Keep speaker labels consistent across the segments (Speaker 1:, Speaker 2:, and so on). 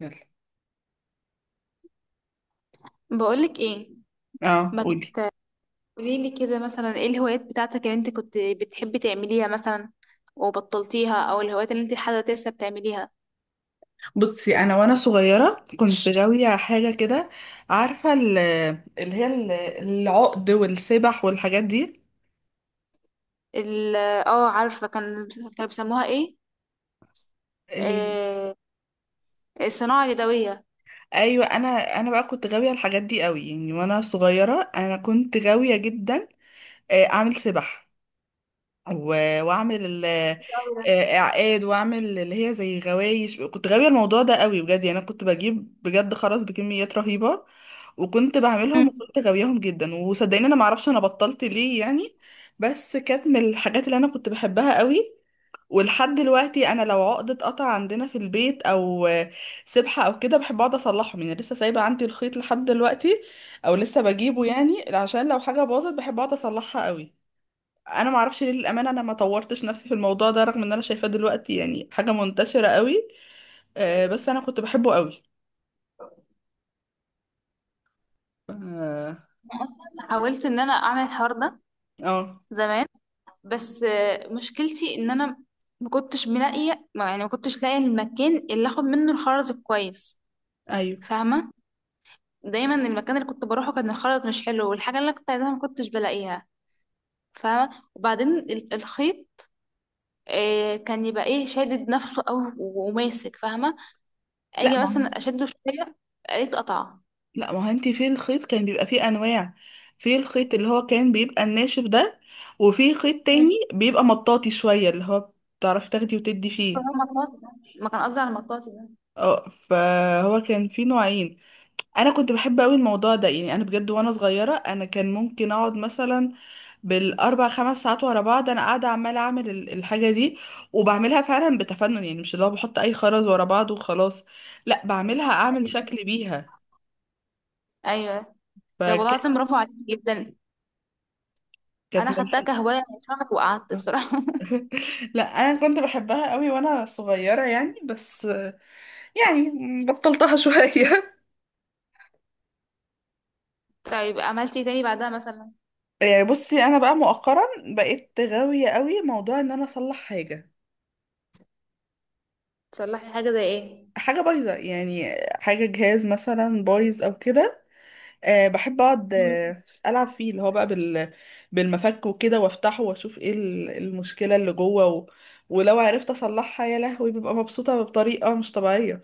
Speaker 1: يلا،
Speaker 2: بقولك ايه؟
Speaker 1: اه
Speaker 2: ما
Speaker 1: قولي.
Speaker 2: تقولي لي كده مثلا، ايه الهوايات بتاعتك اللي انت كنت بتحبي تعمليها مثلا وبطلتيها، او الهوايات اللي انت لحد دلوقتي لسه بتعمليها؟
Speaker 1: بصي انا وانا صغيره كنت غاويه حاجه كده، عارفه اللي هي العقد والسبح والحاجات دي
Speaker 2: ال- اه عارفه، كان كانوا بيسموها ايه؟
Speaker 1: ال...
Speaker 2: آه الصناعه اليدويه.
Speaker 1: ايوه. انا بقى كنت غاويه الحاجات دي قوي، يعني وانا صغيره انا كنت غاويه جدا. اعمل سبح واعمل اعقاد واعمل اللي هي زي غوايش. كنت غاويه الموضوع ده قوي بجد، يعني انا كنت بجيب بجد خرز بكميات رهيبه. وكنت بعملهم
Speaker 2: مم.
Speaker 1: وكنت غاوياهم جدا وصدقيني انا ما اعرفش انا بطلت ليه يعني. بس كانت من الحاجات اللي انا كنت بحبها قوي. ولحد دلوقتي انا لو عقدة قطع عندنا في البيت او سبحة او كده بحب اقعد اصلحهم، يعني لسه سايبه عندي الخيط لحد دلوقتي او لسه بجيبه يعني عشان لو حاجه باظت بحب اقعد اصلحها قوي. انا ما اعرفش ليه للامانه، انا ما طورتش نفسي في الموضوع ده رغم ان انا شايفاه دلوقتي يعني حاجه منتشره قوي. بس انا كنت بحبه قوي. اه.
Speaker 2: حاولت ان انا اعمل الحوار ده
Speaker 1: آه.
Speaker 2: زمان، بس مشكلتي ان انا ما كنتش ملاقيه يعني ما كنتش لاقيه المكان اللي اخد منه الخرز كويس.
Speaker 1: ايوه.
Speaker 2: فاهمه؟ دايما المكان اللي كنت بروحه كان الخلط مش حلو، والحاجة اللي أنا كنت عايزاها ما كنتش بلاقيها. فاهمة؟ وبعدين الخيط كان يبقى ايه، شادد نفسه او وماسك، فاهمة؟
Speaker 1: لا
Speaker 2: اجي
Speaker 1: ما
Speaker 2: مثلا
Speaker 1: هو-
Speaker 2: اشده شوية الاقيه اتقطع.
Speaker 1: لا ما هو انت في الخيط كان بيبقى فيه انواع. في الخيط اللي هو كان بيبقى الناشف ده، وفي خيط
Speaker 2: مم.
Speaker 1: تاني بيبقى مطاطي شويه اللي هو بتعرفي تاخدي وتدي
Speaker 2: هو
Speaker 1: فيه.
Speaker 2: مطاط ده. ما كان قصدي على المطاط ده.
Speaker 1: اه فهو كان في نوعين. انا كنت بحب قوي الموضوع ده، يعني انا بجد وانا صغيره انا كان ممكن اقعد مثلا بالاربع خمس ساعات ورا بعض انا قاعده عماله اعمل الحاجه دي وبعملها فعلا بتفنن، يعني مش اللي هو بحط اي خرز ورا بعض وخلاص. لا بعملها اعمل
Speaker 2: ايوه،
Speaker 1: شكل بيها.
Speaker 2: ايوه. طب والله
Speaker 1: فكانت
Speaker 2: العظيم برافو عليك جدا،
Speaker 1: من
Speaker 2: انا خدتها
Speaker 1: الحاجة.
Speaker 2: كهواية من شهر وقعدت بصراحة
Speaker 1: لا انا كنت بحبها قوي وانا صغيره يعني. بس يعني بطلتها شويه.
Speaker 2: طيب عملتي إيه تاني بعدها مثلا؟
Speaker 1: يعني بصي انا بقى مؤخرا بقيت غاويه قوي موضوع ان انا اصلح حاجه.
Speaker 2: تصلحي حاجة زي ايه؟
Speaker 1: حاجة بايظة، يعني حاجة جهاز مثلا بايظ أو كده. أه بحب أقعد ألعب فيه اللي هو بقى بالمفك وكده وأفتحه وأشوف إيه المشكلة اللي جوه ولو عرفت أصلحها يا لهوي ببقى مبسوطة بطريقة مش طبيعية.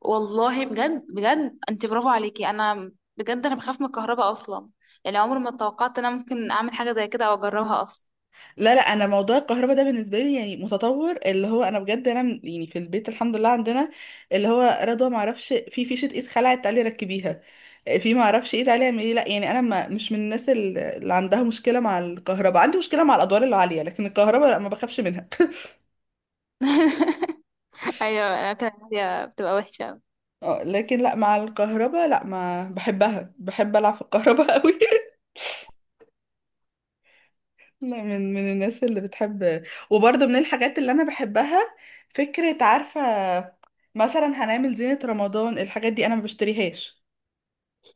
Speaker 2: والله بجد بجد، انت برافو عليكي. انا بجد انا بخاف من الكهرباء اصلا، يعني عمري ما توقعت ان انا ممكن اعمل حاجه زي كده او اجربها اصلا.
Speaker 1: لا لا، انا موضوع الكهرباء ده بالنسبه لي يعني متطور. اللي هو انا بجد يعني في البيت الحمد لله عندنا اللي هو رضوى ما اعرفش في فيشه ايد خلعت تعالي ركبيها. في ما اعرفش ايه تعالي اعملي لا، يعني انا ما مش من الناس اللي عندها مشكله مع الكهرباء. عندي مشكله مع الادوار العاليه لكن الكهرباء لا ما بخافش منها.
Speaker 2: ايوه انا كده، هي بتبقى وحشه أوي.
Speaker 1: لكن لا مع الكهرباء لا ما بحبها، بحب العب في الكهرباء قوي. لا، من الناس اللي بتحب. وبرضه من الحاجات اللي انا بحبها، فكرة عارفة، مثلا هنعمل زينة رمضان الحاجات دي انا ما بشتريهاش.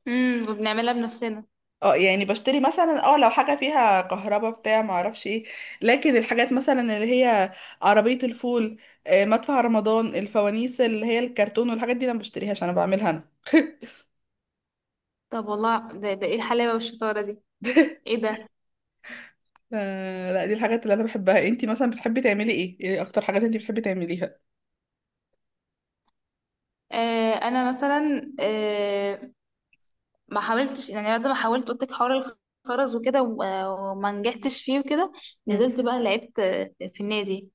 Speaker 2: امم، وبنعملها بنفسنا.
Speaker 1: اه يعني بشتري مثلا اه لو حاجة فيها كهربا بتاع ما اعرفش ايه. لكن الحاجات مثلا اللي هي عربية الفول، مدفع رمضان، الفوانيس اللي هي الكرتون والحاجات دي انا ما بشتريهاش، انا بعملها انا.
Speaker 2: طب والله ده ايه الحلاوه والشطاره دي؟ ايه ده!
Speaker 1: ف- لا دي الحاجات اللي انا بحبها. انتي مثلا بتحبي تعملي ايه؟ ايه اكتر حاجات انتي بتحبي تعمليها؟
Speaker 2: انا مثلا، ما حاولتش، يعني بعد ما حاولت قلت لك حوار الخرز وكده وما نجحتش فيه وكده.
Speaker 1: مم.
Speaker 2: نزلت بقى لعبت في النادي.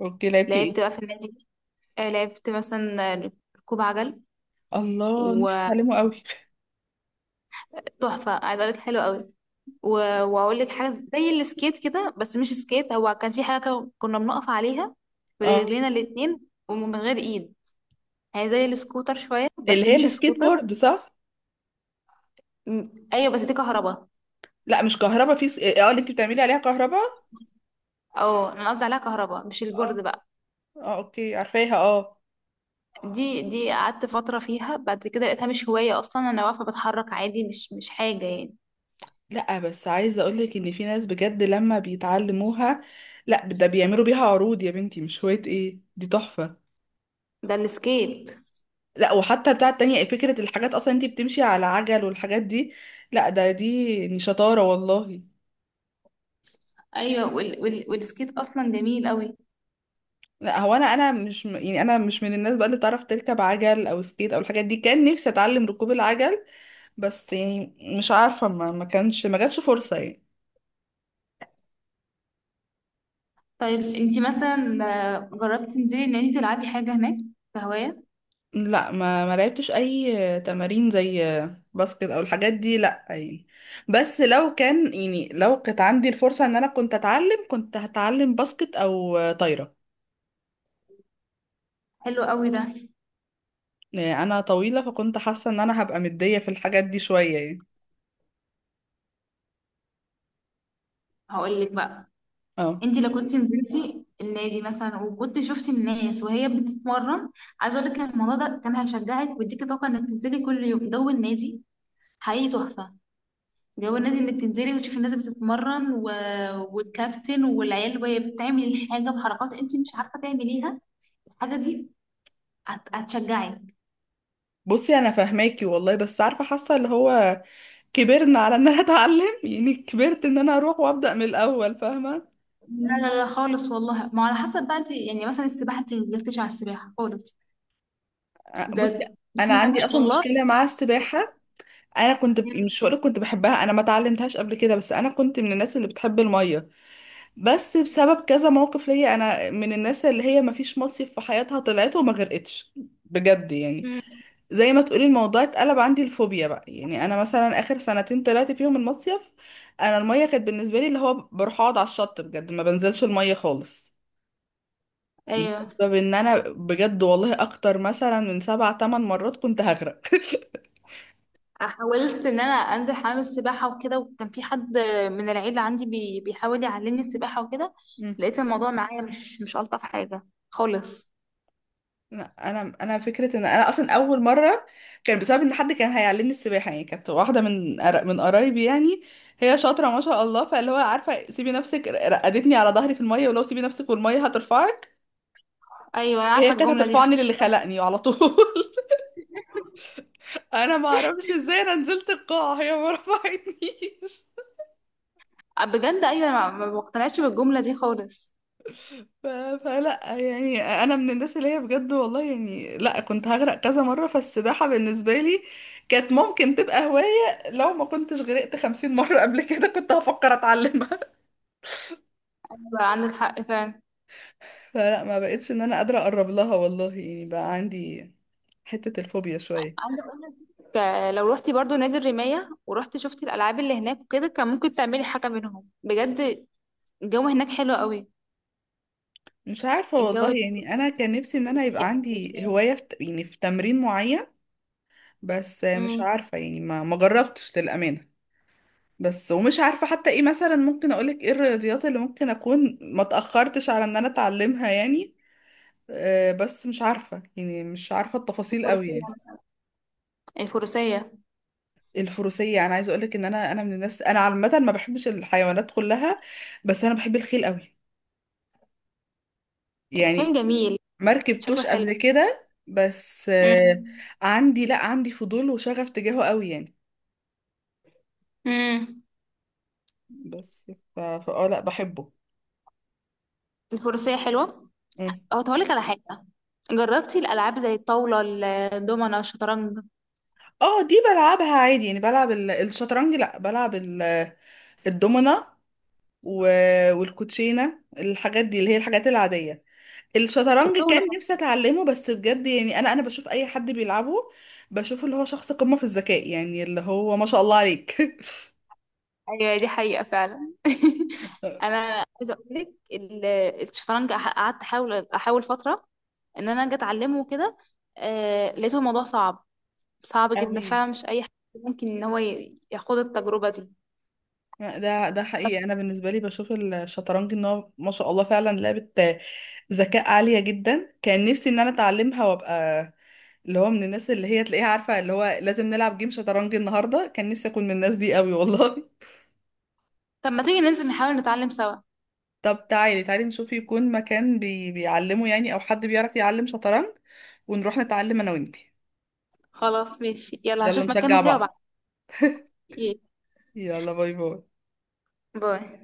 Speaker 1: اوكي، لعبتي
Speaker 2: لعبت
Speaker 1: ايه؟
Speaker 2: بقى في النادي، لعبت مثلا ركوب عجل
Speaker 1: الله نفسي
Speaker 2: وتحفه.
Speaker 1: اتعلمه قوي.
Speaker 2: عايزه اقول لك حلو قوي، و... واقول لك حاجه زي السكيت كده، بس مش سكيت. هو كان في حاجه كده كنا بنقف عليها
Speaker 1: اه
Speaker 2: برجلينا الاتنين ومن غير ايد. هي زي السكوتر شويه
Speaker 1: اللي
Speaker 2: بس
Speaker 1: هي
Speaker 2: مش
Speaker 1: السكيت
Speaker 2: سكوتر.
Speaker 1: بورد صح.
Speaker 2: م- ايوه، بس دي كهرباء.
Speaker 1: لا مش كهربا اه اللي انت بتعملي عليها كهربا.
Speaker 2: اه انا قصدي عليها كهرباء مش
Speaker 1: اه.
Speaker 2: البورد بقى.
Speaker 1: اه اوكي عارفاها اه.
Speaker 2: دي قعدت فتره فيها، بعد كده لقيتها مش هوايه اصلا. انا واقفه بتحرك عادي، مش حاجه يعني.
Speaker 1: لا بس عايزه اقولك ان في ناس بجد لما بيتعلموها، لا ده بيعملوا بيها عروض يا بنتي، مش هوايه، ايه دي تحفه.
Speaker 2: ده السكيت.
Speaker 1: لا، وحتى بتاعه التانية فكره الحاجات اصلا انت بتمشي على عجل والحاجات دي. لا ده دي يعني شطاره والله.
Speaker 2: ايوه والسكيت اصلا جميل قوي.
Speaker 1: لا هو انا مش يعني انا مش من الناس بقى اللي بتعرف تركب عجل او سكيت او الحاجات دي. كان نفسي اتعلم ركوب العجل بس يعني مش عارفة، ما كانش ما جاتش فرصة يعني.
Speaker 2: طيب انتي مثلا جربتي تنزلي ان انتي تلعبي حاجة هناك كهواية؟
Speaker 1: لا ما لعبتش اي تمارين زي باسكت او الحاجات دي، لا يعني. بس لو كان، يعني لو كانت عندي الفرصة ان انا كنت اتعلم كنت هتعلم باسكت او طايرة.
Speaker 2: حلو قوي ده.
Speaker 1: يعني انا طويلة فكنت حاسة ان انا هبقى مدية في الحاجات دي شوية يعني.
Speaker 2: هقولك بقى،
Speaker 1: اه
Speaker 2: انتي لو كنت نزلتي النادي مثلا وكنت شفتي الناس وهي بتتمرن، عايزة اقولك ان الموضوع ده كان هيشجعك ويديكي طاقة انك تنزلي كل يوم جو النادي. حقيقي تحفة. جو النادي انك تنزلي وتشوفي الناس بتتمرن والكابتن والعيال وهي بتعمل الحاجة بحركات انتي مش عارفة تعمليها، الحاجة دي هتشجعك.
Speaker 1: بصي انا فاهماكي والله بس عارفة حاسة اللي هو كبرنا على ان انا اتعلم، يعني كبرت ان انا اروح وابدأ من الاول فاهمة.
Speaker 2: لا لا لا خالص، والله ما، على حسب بقى انت. يعني مثلا السباحه، انت جربتيش على السباحه خالص؟
Speaker 1: بصي
Speaker 2: ده
Speaker 1: انا
Speaker 2: بسم الله ما
Speaker 1: عندي
Speaker 2: شاء
Speaker 1: اصلا
Speaker 2: الله.
Speaker 1: مشكلة مع السباحة. انا مش هقولك كنت بحبها، انا ما اتعلمتهاش قبل كده بس انا كنت من الناس اللي بتحب الميه. بس بسبب كذا موقف ليا، انا من الناس اللي هي ما فيش مصيف في حياتها طلعت وما غرقتش بجد يعني.
Speaker 2: مم.
Speaker 1: زي ما تقولي الموضوع اتقلب عندي الفوبيا بقى، يعني انا مثلا اخر سنتين طلعت فيهم المصيف، انا الميه كانت بالنسبه لي اللي هو بروح اقعد على الشط بجد ما بنزلش الميه خالص.
Speaker 2: ايوه،
Speaker 1: بسبب ان انا بجد والله اكتر مثلا من 7 أو 8 مرات كنت هغرق.
Speaker 2: حاولت ان انا انزل حمام السباحه وكده، وكان في حد من العيله عندي بي بيحاول يعلمني السباحه وكده، لقيت الموضوع معايا مش مش الطف حاجه خالص.
Speaker 1: لا، انا فكره ان انا اصلا اول مره كان بسبب ان حد كان هيعلمني السباحه، يعني كانت واحده من قرايبي. يعني هي شاطره ما شاء الله، فاللي هو عارفه سيبي نفسك، رقدتني على ظهري في الميه ولو سيبي نفسك والميه هترفعك.
Speaker 2: ايوه انا
Speaker 1: هي
Speaker 2: عارفه
Speaker 1: كانت
Speaker 2: الجمله دي.
Speaker 1: هترفعني للي خلقني على طول. انا ما اعرفش ازاي انا نزلت القاع هي ما رفعتنيش.
Speaker 2: بجد، ايوه، ما بقتنعش بالجمله دي خالص.
Speaker 1: ف... فلا يعني انا من الناس اللي هي بجد والله يعني لا كنت هغرق كذا مرة. فالسباحة بالنسبة لي كانت ممكن تبقى هواية لو ما كنتش غرقت 50 مرة قبل كده، كنت هفكر اتعلمها.
Speaker 2: عندك حق فعلا.
Speaker 1: فلا ما بقتش ان انا قادرة اقرب لها والله، يعني بقى عندي حتة الفوبيا شوية.
Speaker 2: عايزه اقول لك لو روحتي برضو نادي الرمايه ورحتي شفتي الالعاب اللي هناك وكده، كان ممكن تعملي حاجه منهم بجد. الجو هناك حلو قوي.
Speaker 1: مش عارفة
Speaker 2: الجو،
Speaker 1: والله، يعني
Speaker 2: الفروسيه،
Speaker 1: انا كان نفسي ان انا يبقى
Speaker 2: الرمايه،
Speaker 1: عندي
Speaker 2: الفروسيه.
Speaker 1: هواية يعني في تمرين معين بس مش
Speaker 2: امم
Speaker 1: عارفة، يعني ما جربتش للأمانة. بس ومش عارفة حتى ايه مثلا، ممكن اقولك ايه الرياضيات اللي ممكن اكون ما تأخرتش على ان انا اتعلمها يعني. بس مش عارفة، يعني مش عارفة التفاصيل قوي
Speaker 2: الفروسيه
Speaker 1: يعني.
Speaker 2: مثلا، الفروسيه.
Speaker 1: الفروسية انا عايزة اقولك ان انا من الناس، انا عامة ما بحبش الحيوانات كلها بس انا بحب الخيل قوي.
Speaker 2: الخيل
Speaker 1: يعني
Speaker 2: جميل،
Speaker 1: ما
Speaker 2: شكله
Speaker 1: ركبتوش
Speaker 2: حلو.
Speaker 1: قبل كده بس
Speaker 2: امم
Speaker 1: عندي، لا عندي فضول وشغف تجاهه قوي يعني.
Speaker 2: امم
Speaker 1: بس ف فا اه لا بحبه.
Speaker 2: الفروسيه حلوه.
Speaker 1: مم.
Speaker 2: اه هقول لك على حاجه، جربتي الالعاب زي الطاوله، الدومنه، الشطرنج،
Speaker 1: اه دي بلعبها عادي، يعني بلعب الشطرنج لا بلعب الدومنة والكوتشينة الحاجات دي اللي هي الحاجات العادية. الشطرنج
Speaker 2: الطاوله؟
Speaker 1: كان نفسي اتعلمه بس بجد، يعني انا بشوف اي حد بيلعبه بشوف اللي هو شخص قمة في الذكاء يعني اللي هو ما شاء الله عليك
Speaker 2: ايوه دي حقيقة فعلا انا عايزة اقول لك الشطرنج قعدت احاول احاول فترة ان انا اجي اتعلمه وكده، لقيته الموضوع صعب، صعب جدا
Speaker 1: قوي.
Speaker 2: فعلا. مش اي حد ممكن ان هو ياخد التجربة دي.
Speaker 1: ده حقيقي انا بالنسبه لي بشوف الشطرنج ان هو ما شاء الله فعلا لعبه ذكاء عاليه جدا. كان نفسي ان انا اتعلمها وابقى اللي هو من الناس اللي هي تلاقيها عارفه اللي هو لازم نلعب جيم شطرنج النهارده. كان نفسي اكون من الناس دي قوي والله.
Speaker 2: طب ما تيجي ننزل نحاول نتعلم سوا؟
Speaker 1: طب تعالي تعالي نشوف يكون مكان بيعلمه يعني او حد بيعرف يعلم شطرنج ونروح نتعلم انا وانتي.
Speaker 2: خلاص ماشي، يلا
Speaker 1: يلا
Speaker 2: هشوف
Speaker 1: نشجع
Speaker 2: مكانه كده وبعد.
Speaker 1: بعض. يلا، باي باي.
Speaker 2: باي.